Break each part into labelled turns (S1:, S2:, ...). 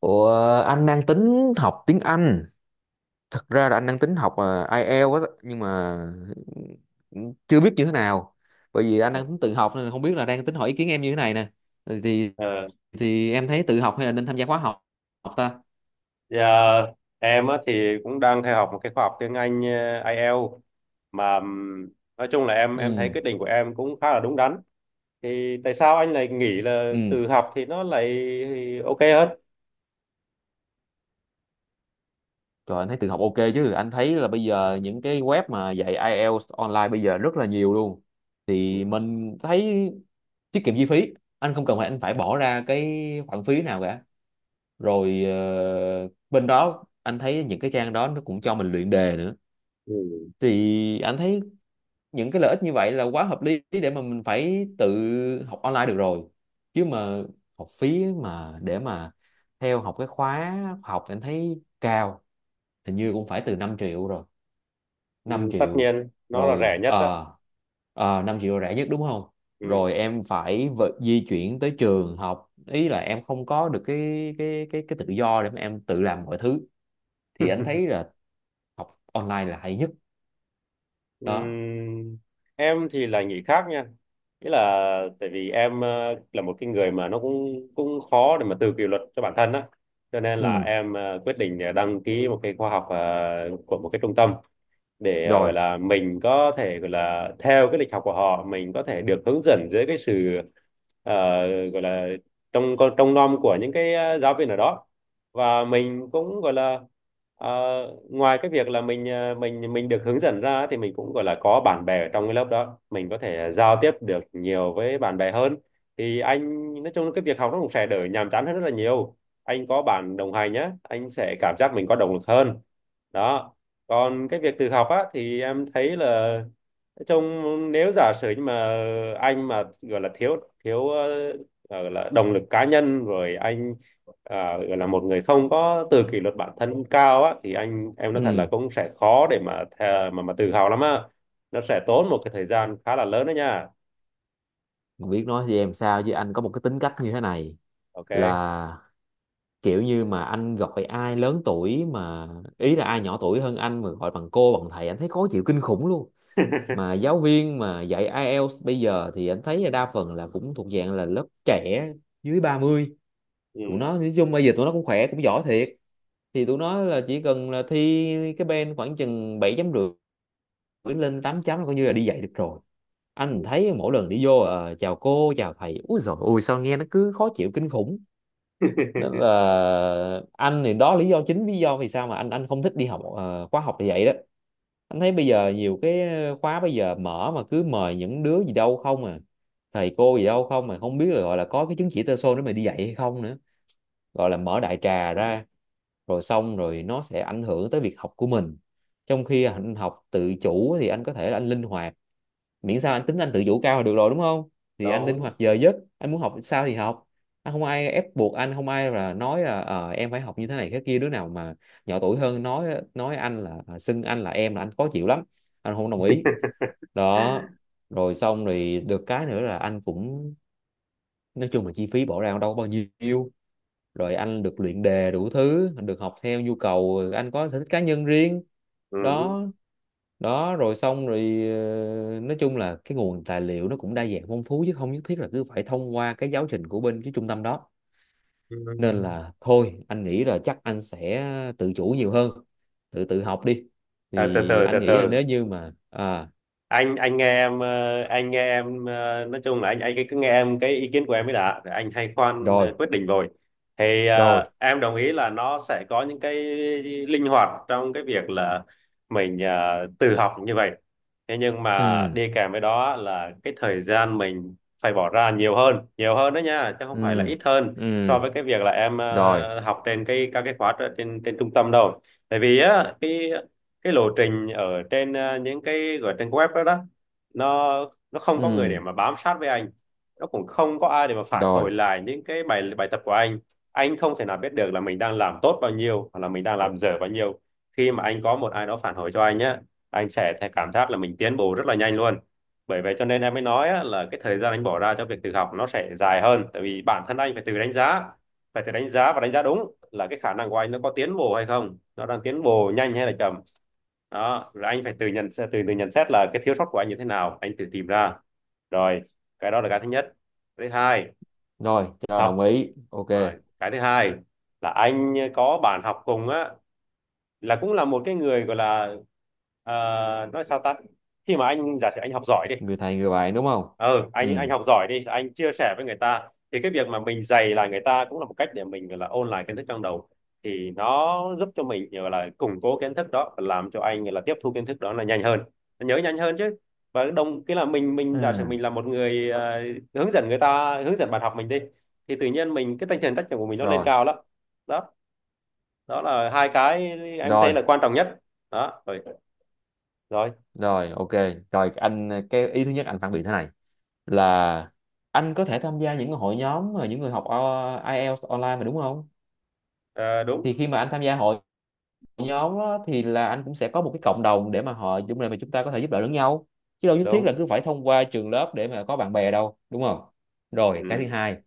S1: Ủa, anh đang tính học tiếng Anh. Thật ra là anh đang tính học IELTS á, nhưng mà chưa biết như thế nào. Bởi vì anh đang tính tự học nên không biết là đang tính hỏi ý kiến em như thế này nè. Thì
S2: Ờ,
S1: thì em thấy tự học hay là nên tham gia khóa học học ta?
S2: dạ, em á, thì cũng đang theo học một cái khóa học tiếng Anh IELTS mà nói chung là em thấy
S1: Ừ,
S2: quyết định của em cũng khá là đúng đắn. Thì tại sao anh lại nghĩ là
S1: ừ.
S2: tự học thì nó lại ok hơn?
S1: Rồi anh thấy tự học ok chứ. Anh thấy là bây giờ những cái web mà dạy IELTS online bây giờ rất là nhiều luôn. Thì mình thấy tiết kiệm chi phí. Anh không cần phải anh phải bỏ ra cái khoản phí nào cả, rồi bên đó anh thấy những cái trang đó nó cũng cho mình luyện đề nữa.
S2: Ừ.
S1: Thì anh thấy những cái lợi ích như vậy là quá hợp lý để mà mình phải tự học online được rồi, chứ mà học phí mà để mà theo học cái khóa học thì anh thấy cao, hình như cũng phải từ 5 triệu rồi,
S2: Ừ,
S1: 5
S2: tất
S1: triệu
S2: nhiên nó là rẻ
S1: rồi.
S2: nhất đó.
S1: Ờ 5 triệu là rẻ nhất đúng không?
S2: Ừ.
S1: Rồi em phải di chuyển tới trường học, ý là em không có được cái tự do để mà em tự làm mọi thứ, thì anh thấy là học online là hay nhất đó.
S2: Ừm, em thì là nghĩ khác nha, nghĩa là tại vì em là một cái người mà nó cũng cũng khó để mà tự kỷ luật cho bản thân á, cho nên là
S1: Ừ,
S2: em quyết định để đăng ký một cái khóa học của một cái trung tâm để
S1: rồi,
S2: gọi là mình có thể gọi là theo cái lịch học của họ, mình có thể được hướng dẫn dưới cái sự gọi là trong nom của những cái giáo viên ở đó, và mình cũng gọi là ờ, ngoài cái việc là mình mình được hướng dẫn ra thì mình cũng gọi là có bạn bè ở trong cái lớp đó, mình có thể giao tiếp được nhiều với bạn bè hơn, thì anh nói chung là cái việc học nó cũng sẽ đỡ nhàm chán hơn rất là nhiều. Anh có bạn đồng hành nhé, anh sẽ cảm giác mình có động lực hơn. Đó. Còn cái việc tự học á thì em thấy là nói chung, nếu giả sử nhưng mà anh mà gọi là thiếu thiếu gọi là động lực cá nhân rồi anh, à, gọi là một người không có tự kỷ luật bản thân cao á, thì anh em nói thật là
S1: ừ.
S2: cũng sẽ khó để mà mà tự hào lắm á. Nó sẽ tốn một cái thời gian khá là lớn đó nha.
S1: Biết nói với em sao chứ, anh có một cái tính cách như thế này,
S2: Ok.
S1: là kiểu như mà anh gọi ai lớn tuổi mà, ý là ai nhỏ tuổi hơn anh mà gọi bằng cô bằng thầy anh thấy khó chịu kinh khủng luôn. Mà giáo viên mà dạy IELTS bây giờ thì anh thấy là đa phần là cũng thuộc dạng là lớp trẻ, dưới 30.
S2: Ừ.
S1: Tụi nó nói chung bây giờ tụi nó cũng khỏe cũng giỏi thiệt. Thì tụi nó là chỉ cần là thi cái bên khoảng chừng 7.5, cứ lên 8 là coi như là đi dạy được rồi. Anh thấy mỗi lần đi vô chào cô chào thầy, úi dồi ôi sao nghe nó cứ khó chịu kinh khủng. Nên là anh thì đó, lý do chính, lý do vì sao mà anh không thích đi học khóa học thì vậy đó. Anh thấy bây giờ nhiều cái khóa bây giờ mở mà cứ mời những đứa gì đâu không à, thầy cô gì đâu không, mà không biết là gọi là có cái chứng chỉ TESOL để mà đi dạy hay không nữa, gọi là mở đại trà ra, rồi xong rồi nó sẽ ảnh hưởng tới việc học của mình. Trong khi anh học tự chủ thì anh có thể là anh linh hoạt, miễn sao anh tính anh tự chủ cao là được rồi đúng không. Thì anh linh
S2: Đúng.
S1: hoạt giờ giấc, anh muốn học sao thì học, anh không ai ép buộc, anh không ai là nói là em phải học như thế này thế kia. Đứa nào mà nhỏ tuổi hơn nói anh là xưng anh là em là anh khó chịu lắm, anh không đồng ý đó. Rồi xong rồi, được cái nữa là anh cũng nói chung là chi phí bỏ ra đâu có bao nhiêu, rồi anh được luyện đề đủ thứ, được học theo nhu cầu, anh có sở thích cá nhân riêng
S2: Ừ.
S1: đó. Đó rồi xong rồi, nói chung là cái nguồn tài liệu nó cũng đa dạng phong phú, chứ không nhất thiết là cứ phải thông qua cái giáo trình của bên cái trung tâm đó.
S2: Ừ.
S1: Nên là thôi anh nghĩ là chắc anh sẽ tự chủ nhiều hơn, tự tự học đi.
S2: À, từ
S1: Thì
S2: từ từ
S1: anh nghĩ là
S2: từ,
S1: nếu như mà
S2: anh nghe em nói chung là anh cứ nghe em cái ý kiến của em mới đã. Rồi anh hay khoan
S1: rồi,
S2: quyết định rồi. Thì
S1: rồi,
S2: em đồng ý là nó sẽ có những cái linh hoạt trong cái việc là mình tự học như vậy, thế nhưng mà
S1: ừ,
S2: đi kèm với đó là cái thời gian mình phải bỏ ra nhiều hơn, nhiều hơn đó nha, chứ không phải là
S1: ừ,
S2: ít hơn
S1: ừ,
S2: so với cái việc là em
S1: rồi,
S2: học trên cái các cái khóa trên trên trung tâm đâu. Tại vì á cái lộ trình ở trên những cái gọi trên web đó, đó, nó không có người để
S1: ừ,
S2: mà bám sát với anh, nó cũng không có ai để mà phản hồi
S1: rồi,
S2: lại những cái bài bài tập của anh. Anh không thể nào biết được là mình đang làm tốt bao nhiêu hoặc là mình đang làm dở bao nhiêu. Khi mà anh có một ai đó phản hồi cho anh nhé, anh sẽ thấy cảm giác là mình tiến bộ rất là nhanh luôn. Bởi vậy cho nên em mới nói á, là cái thời gian anh bỏ ra cho việc tự học nó sẽ dài hơn, tại vì bản thân anh phải tự đánh giá, phải tự đánh giá và đánh giá đúng là cái khả năng của anh nó có tiến bộ hay không, nó đang tiến bộ nhanh hay là chậm. Đó rồi anh phải tự nhận từ từ nhận xét là cái thiếu sót của anh như thế nào, anh tự tìm ra. Rồi, cái đó là cái thứ nhất. Cái thứ hai,
S1: rồi cho đồng
S2: học,
S1: ý, ok,
S2: rồi cái thứ hai là anh có bạn học cùng á, là cũng là một cái người gọi là ờ, nói sao ta, khi mà anh giả sử anh học giỏi đi.
S1: người thầy người bạn đúng không?
S2: Ừ,
S1: Ừ,
S2: anh học giỏi đi, anh chia sẻ với người ta thì cái việc mà mình dày là người ta cũng là một cách để mình gọi là ôn lại kiến thức trong đầu, thì nó giúp cho mình gọi là củng cố kiến thức đó và làm cho anh là tiếp thu kiến thức đó là nhanh hơn, nhớ nhanh hơn chứ. Và đồng cái là mình
S1: ừ,
S2: giả sử mình là một người hướng dẫn người ta, hướng dẫn bạn học mình đi, thì tự nhiên mình cái tinh thần trách nhiệm của mình nó lên
S1: rồi,
S2: cao lắm. Đó, đó là hai cái em thấy
S1: rồi.
S2: là quan trọng nhất. Đó rồi. Rồi.
S1: Rồi, ok. Rồi anh cái ý thứ nhất anh phản biện thế này là anh có thể tham gia những hội nhóm mà những người học IELTS online mà đúng không?
S2: Ờ, đúng
S1: Thì khi mà anh tham gia hội nhóm á, thì là anh cũng sẽ có một cái cộng đồng để mà họ chúng này mà chúng ta có thể giúp đỡ lẫn nhau. Chứ đâu nhất thiết là
S2: đúng.
S1: cứ phải thông qua trường lớp để mà có bạn bè đâu, đúng không? Rồi, cái thứ
S2: Ừ.
S1: hai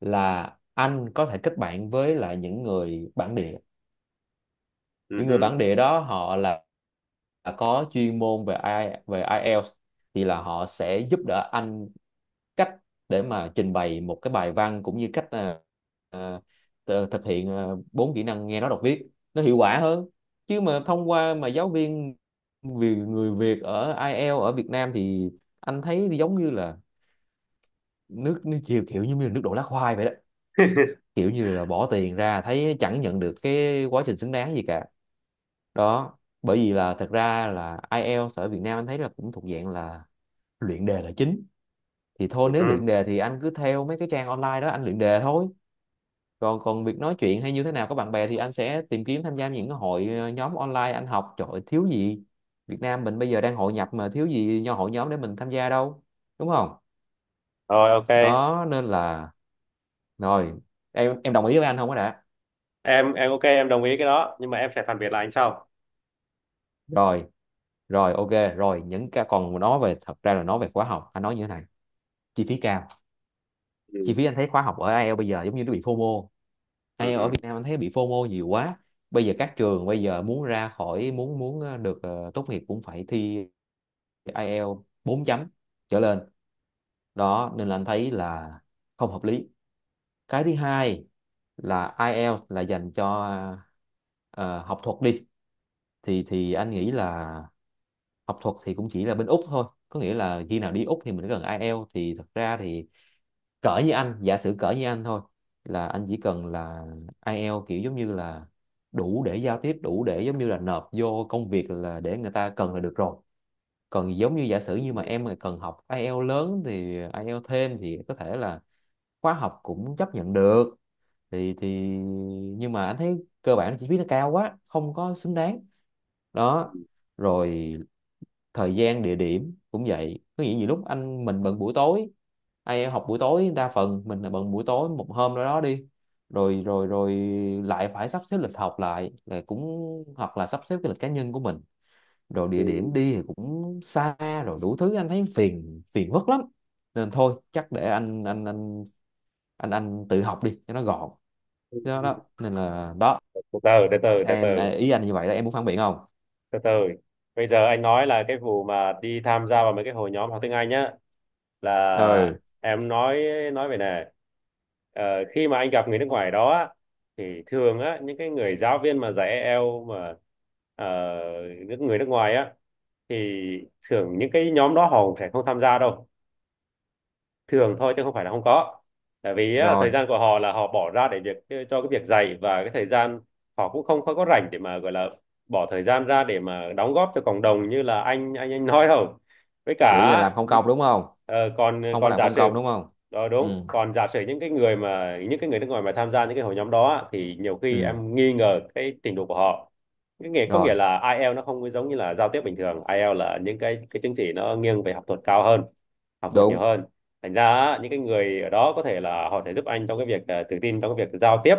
S1: là anh có thể kết bạn với lại những người bản địa,
S2: Ừ.
S1: những người
S2: Hứ.
S1: bản địa đó họ là có chuyên môn về IELTS, thì là họ sẽ giúp đỡ anh cách để mà trình bày một cái bài văn, cũng như cách ờ, thực hiện 4 kỹ năng nghe nói đọc viết nó hiệu quả hơn. Chứ mà thông qua mà giáo viên, vì người Việt ở IELTS ở Việt Nam thì anh thấy giống như là nước nước chiều kiểu như là nước đổ lá khoai vậy đó, kiểu như là bỏ tiền ra thấy chẳng nhận được cái quá trình xứng đáng gì cả. Đó, bởi vì là thật ra là IELTS ở Việt Nam anh thấy là cũng thuộc dạng là luyện đề là chính, thì thôi
S2: Ừ.
S1: nếu luyện
S2: Hứ.
S1: đề thì anh cứ theo mấy cái trang online đó anh luyện đề thôi. Còn còn việc nói chuyện hay như thế nào có bạn bè thì anh sẽ tìm kiếm tham gia những cái hội nhóm online anh học, trời ơi, thiếu gì. Việt Nam mình bây giờ đang hội nhập mà, thiếu gì nho hội nhóm để mình tham gia đâu, đúng không?
S2: Rồi ok.
S1: Đó nên là, rồi em đồng ý với anh không có đã.
S2: Em ok, em đồng ý cái đó nhưng mà em sẽ phản biện lại anh sau.
S1: Rồi, rồi ok, rồi những cái còn nói về, thật ra là nói về khóa học anh nói như thế này: chi phí cao. Chi
S2: Ừ.
S1: phí anh thấy khóa học ở IELTS bây giờ giống như nó bị FOMO.
S2: Ừ,
S1: IELTS ở Việt
S2: ừ.
S1: Nam anh thấy bị FOMO nhiều quá. Bây giờ các trường bây giờ muốn ra khỏi, muốn muốn được tốt nghiệp cũng phải thi IELTS 4 trở lên đó, nên là anh thấy là không hợp lý. Cái thứ hai là IELTS là dành cho ờ, học thuật đi, thì anh nghĩ là học thuật thì cũng chỉ là bên Úc thôi, có nghĩa là khi nào đi Úc thì mình cần IELTS. Thì thật ra thì cỡ như anh, giả sử cỡ như anh thôi, là anh chỉ cần là ai IELTS kiểu giống như là đủ để giao tiếp, đủ để giống như là nộp vô công việc là để người ta cần là được rồi. Còn giống như giả sử như mà
S2: Ừ.
S1: em mà cần học ai IELTS lớn thì ai IELTS thêm thì có thể là khóa học cũng chấp nhận được, thì nhưng mà anh thấy cơ bản chi phí nó cao quá, không có xứng đáng đó. Rồi thời gian địa điểm cũng vậy, có nghĩa nhiều lúc anh mình bận buổi tối, ai học buổi tối đa phần mình là bận buổi tối một hôm đó đó đi, rồi, rồi, rồi lại phải sắp xếp lịch học lại, là cũng hoặc là sắp xếp cái lịch cá nhân của mình, rồi địa điểm
S2: Ừ.
S1: đi thì cũng xa, rồi đủ thứ anh thấy phiền phiền vất lắm. Nên thôi chắc để anh tự học đi cho nó gọn
S2: Ừ.
S1: đó, đó. Nên là đó,
S2: Từ từ từ từ từ
S1: em
S2: từ
S1: à, ý anh như vậy đó, em muốn phản biện không?
S2: từ từ, bây giờ anh nói là cái vụ mà đi tham gia vào mấy cái hội nhóm học tiếng Anh nhá, là
S1: Ừ,
S2: em nói về này. Ờ, khi mà anh gặp người nước ngoài đó á, thì thường á những cái người giáo viên mà dạy EL mà ờ, người nước ngoài á, thì thường những cái nhóm đó họ sẽ không tham gia đâu, thường thôi chứ không phải là không có. Tại vì á,
S1: rồi,
S2: thời gian của họ là họ bỏ ra để việc cho cái việc dạy và cái thời gian họ cũng không có rảnh để mà gọi là bỏ thời gian ra để mà đóng góp cho cộng đồng như là anh nói đâu. Với
S1: kiểu như là
S2: cả
S1: làm không
S2: đi-
S1: công đúng không?
S2: còn
S1: Không có
S2: còn
S1: làm
S2: giả
S1: không
S2: sử.
S1: công đúng không?
S2: Đó
S1: Ừ,
S2: đúng, còn giả sử những cái người mà những cái người nước ngoài mà tham gia những cái hội nhóm đó á, thì nhiều khi
S1: ừ,
S2: em nghi ngờ cái trình độ của họ. Cái nghĩa có nghĩa
S1: rồi
S2: là IELTS nó không có giống như là giao tiếp bình thường, IELTS là những cái chứng chỉ nó nghiêng về học thuật cao hơn, học thuật nhiều
S1: đúng,
S2: hơn. Thành ra những cái người ở đó có thể là họ sẽ giúp anh trong cái việc à, tự tin trong cái việc giao tiếp,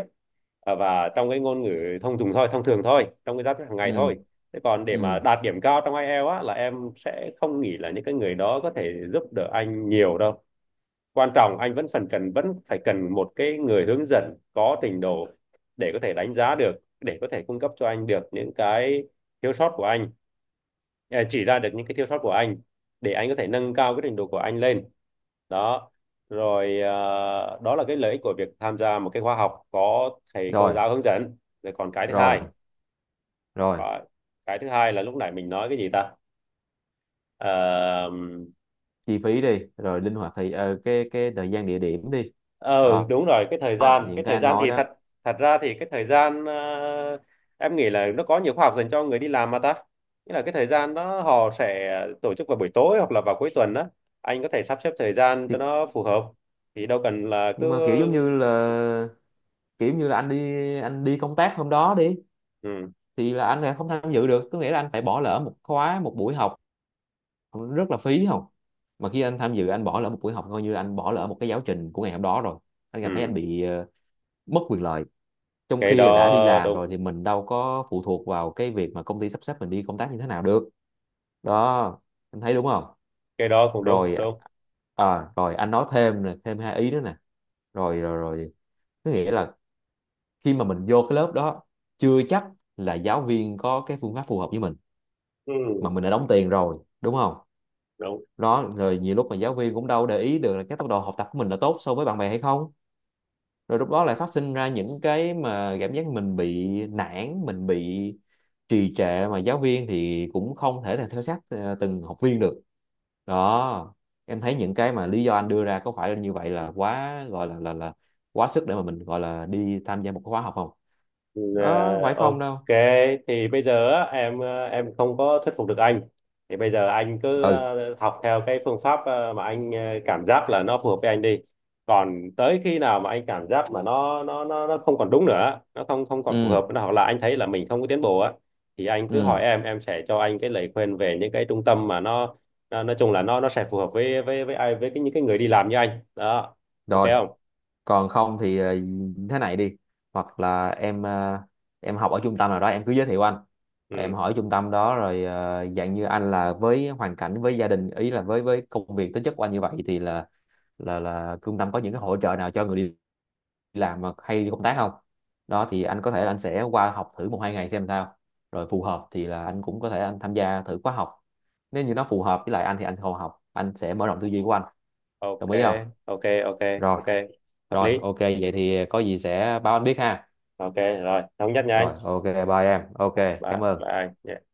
S2: à, và trong cái ngôn ngữ thông dụng thôi, thông thường thôi, trong cái giao tiếp hàng ngày
S1: ừ,
S2: thôi. Thế còn để mà
S1: ừ,
S2: đạt điểm cao trong IELTS á, là em sẽ không nghĩ là những cái người đó có thể giúp đỡ anh nhiều đâu. Quan trọng anh vẫn phải cần một cái người hướng dẫn có trình độ để có thể đánh giá được, để có thể cung cấp cho anh được những cái thiếu sót của anh, à, chỉ ra được những cái thiếu sót của anh để anh có thể nâng cao cái trình độ của anh lên. Đó rồi, à, đó là cái lợi ích của việc tham gia một cái khóa học có thầy cô
S1: rồi,
S2: giáo hướng dẫn. Rồi còn cái thứ
S1: rồi,
S2: hai,
S1: rồi
S2: có- cái thứ hai là lúc nãy mình nói cái gì ta. Ờ,
S1: chi phí đi rồi linh hoạt, thì cái thời gian địa điểm đi,
S2: ờ
S1: đó,
S2: đúng rồi, cái thời
S1: đó
S2: gian,
S1: những
S2: cái
S1: cái
S2: thời
S1: anh
S2: gian
S1: nói
S2: thì
S1: đó.
S2: thật thật ra thì cái thời gian em nghĩ là nó có nhiều khóa học dành cho người đi làm mà ta, nghĩa là cái thời gian đó họ sẽ tổ chức vào buổi tối hoặc là vào cuối tuần đó. Anh có thể sắp xếp thời gian cho
S1: Thì,
S2: nó phù hợp, thì đâu cần là cứ.
S1: nhưng mà kiểu giống như là kiểu như là anh đi anh đi công tác hôm đó đi,
S2: Ừ,
S1: thì là anh lại không tham dự được, có nghĩa là anh phải bỏ lỡ một buổi học, rất là phí không. Mà khi anh tham dự, anh bỏ lỡ một buổi học coi như anh bỏ lỡ một cái giáo trình của ngày hôm đó rồi, anh cảm thấy anh
S2: ừ.
S1: bị mất quyền lợi. Trong
S2: Cái
S1: khi là đã đi
S2: đó
S1: làm
S2: đúng.
S1: rồi thì mình đâu có phụ thuộc vào cái việc mà công ty sắp xếp mình đi công tác như thế nào được. Đó, anh thấy đúng không?
S2: Cái đó cũng đúng,
S1: Rồi,
S2: đúng.
S1: rồi anh nói thêm nè, thêm hai ý nữa nè, rồi, rồi, rồi. Có nghĩa là khi mà mình vô cái lớp đó, chưa chắc là giáo viên có cái phương pháp phù hợp với mình,
S2: Ừ,
S1: mà mình đã đóng tiền rồi đúng không.
S2: đúng.
S1: Đó rồi nhiều lúc mà giáo viên cũng đâu để ý được là cái tốc độ học tập của mình là tốt so với bạn bè hay không, rồi lúc đó lại phát sinh ra những cái mà cảm giác mình bị nản, mình bị trì trệ, mà giáo viên thì cũng không thể là theo sát từng học viên được đó. Em thấy những cái mà lý do anh đưa ra có phải như vậy là quá gọi là là quá sức để mà mình gọi là đi tham gia một cái khóa học không?
S2: Ừ,
S1: Nó không
S2: à,
S1: phải không đâu.
S2: ok. Thì bây giờ á, em à, em không có thuyết phục được anh, thì bây giờ anh cứ
S1: Ừ,
S2: à, học theo cái phương pháp à, mà anh à, cảm giác là nó phù hợp với anh đi, còn tới khi nào mà anh cảm giác mà nó không còn đúng nữa, nó không không còn phù
S1: ừ,
S2: hợp nữa, hoặc là anh thấy là mình không có tiến bộ á, thì anh cứ hỏi
S1: ừ,
S2: em sẽ cho anh cái lời khuyên về những cái trung tâm mà nó nói chung là nó sẽ phù hợp với với ai, với cái những cái người đi làm như anh đó. Ok
S1: rồi
S2: không?
S1: còn không thì thế này đi, hoặc là em em học ở trung tâm nào đó em cứ giới thiệu anh, em
S2: Ừ
S1: hỏi trung tâm đó rồi dạng như anh là với hoàn cảnh với gia đình, ý là với công việc tính chất của anh như vậy thì là là trung tâm có những cái hỗ trợ nào cho người đi làm mà hay đi công tác không. Đó thì anh có thể là anh sẽ qua học thử 1 2 ngày xem sao, rồi phù hợp thì là anh cũng có thể anh tham gia thử khóa học. Nếu như nó phù hợp với lại anh thì anh còn học, anh sẽ mở rộng tư duy của anh.
S2: ok
S1: Đồng ý không?
S2: ok. Ok
S1: Rồi,
S2: ok, hợp
S1: rồi
S2: lý.
S1: ok, vậy thì có gì sẽ báo anh biết ha.
S2: Ok rồi thống nhất nha anh.
S1: Rồi ok, bye em, ok,
S2: Một ba
S1: cảm
S2: ba
S1: ơn.
S2: anh.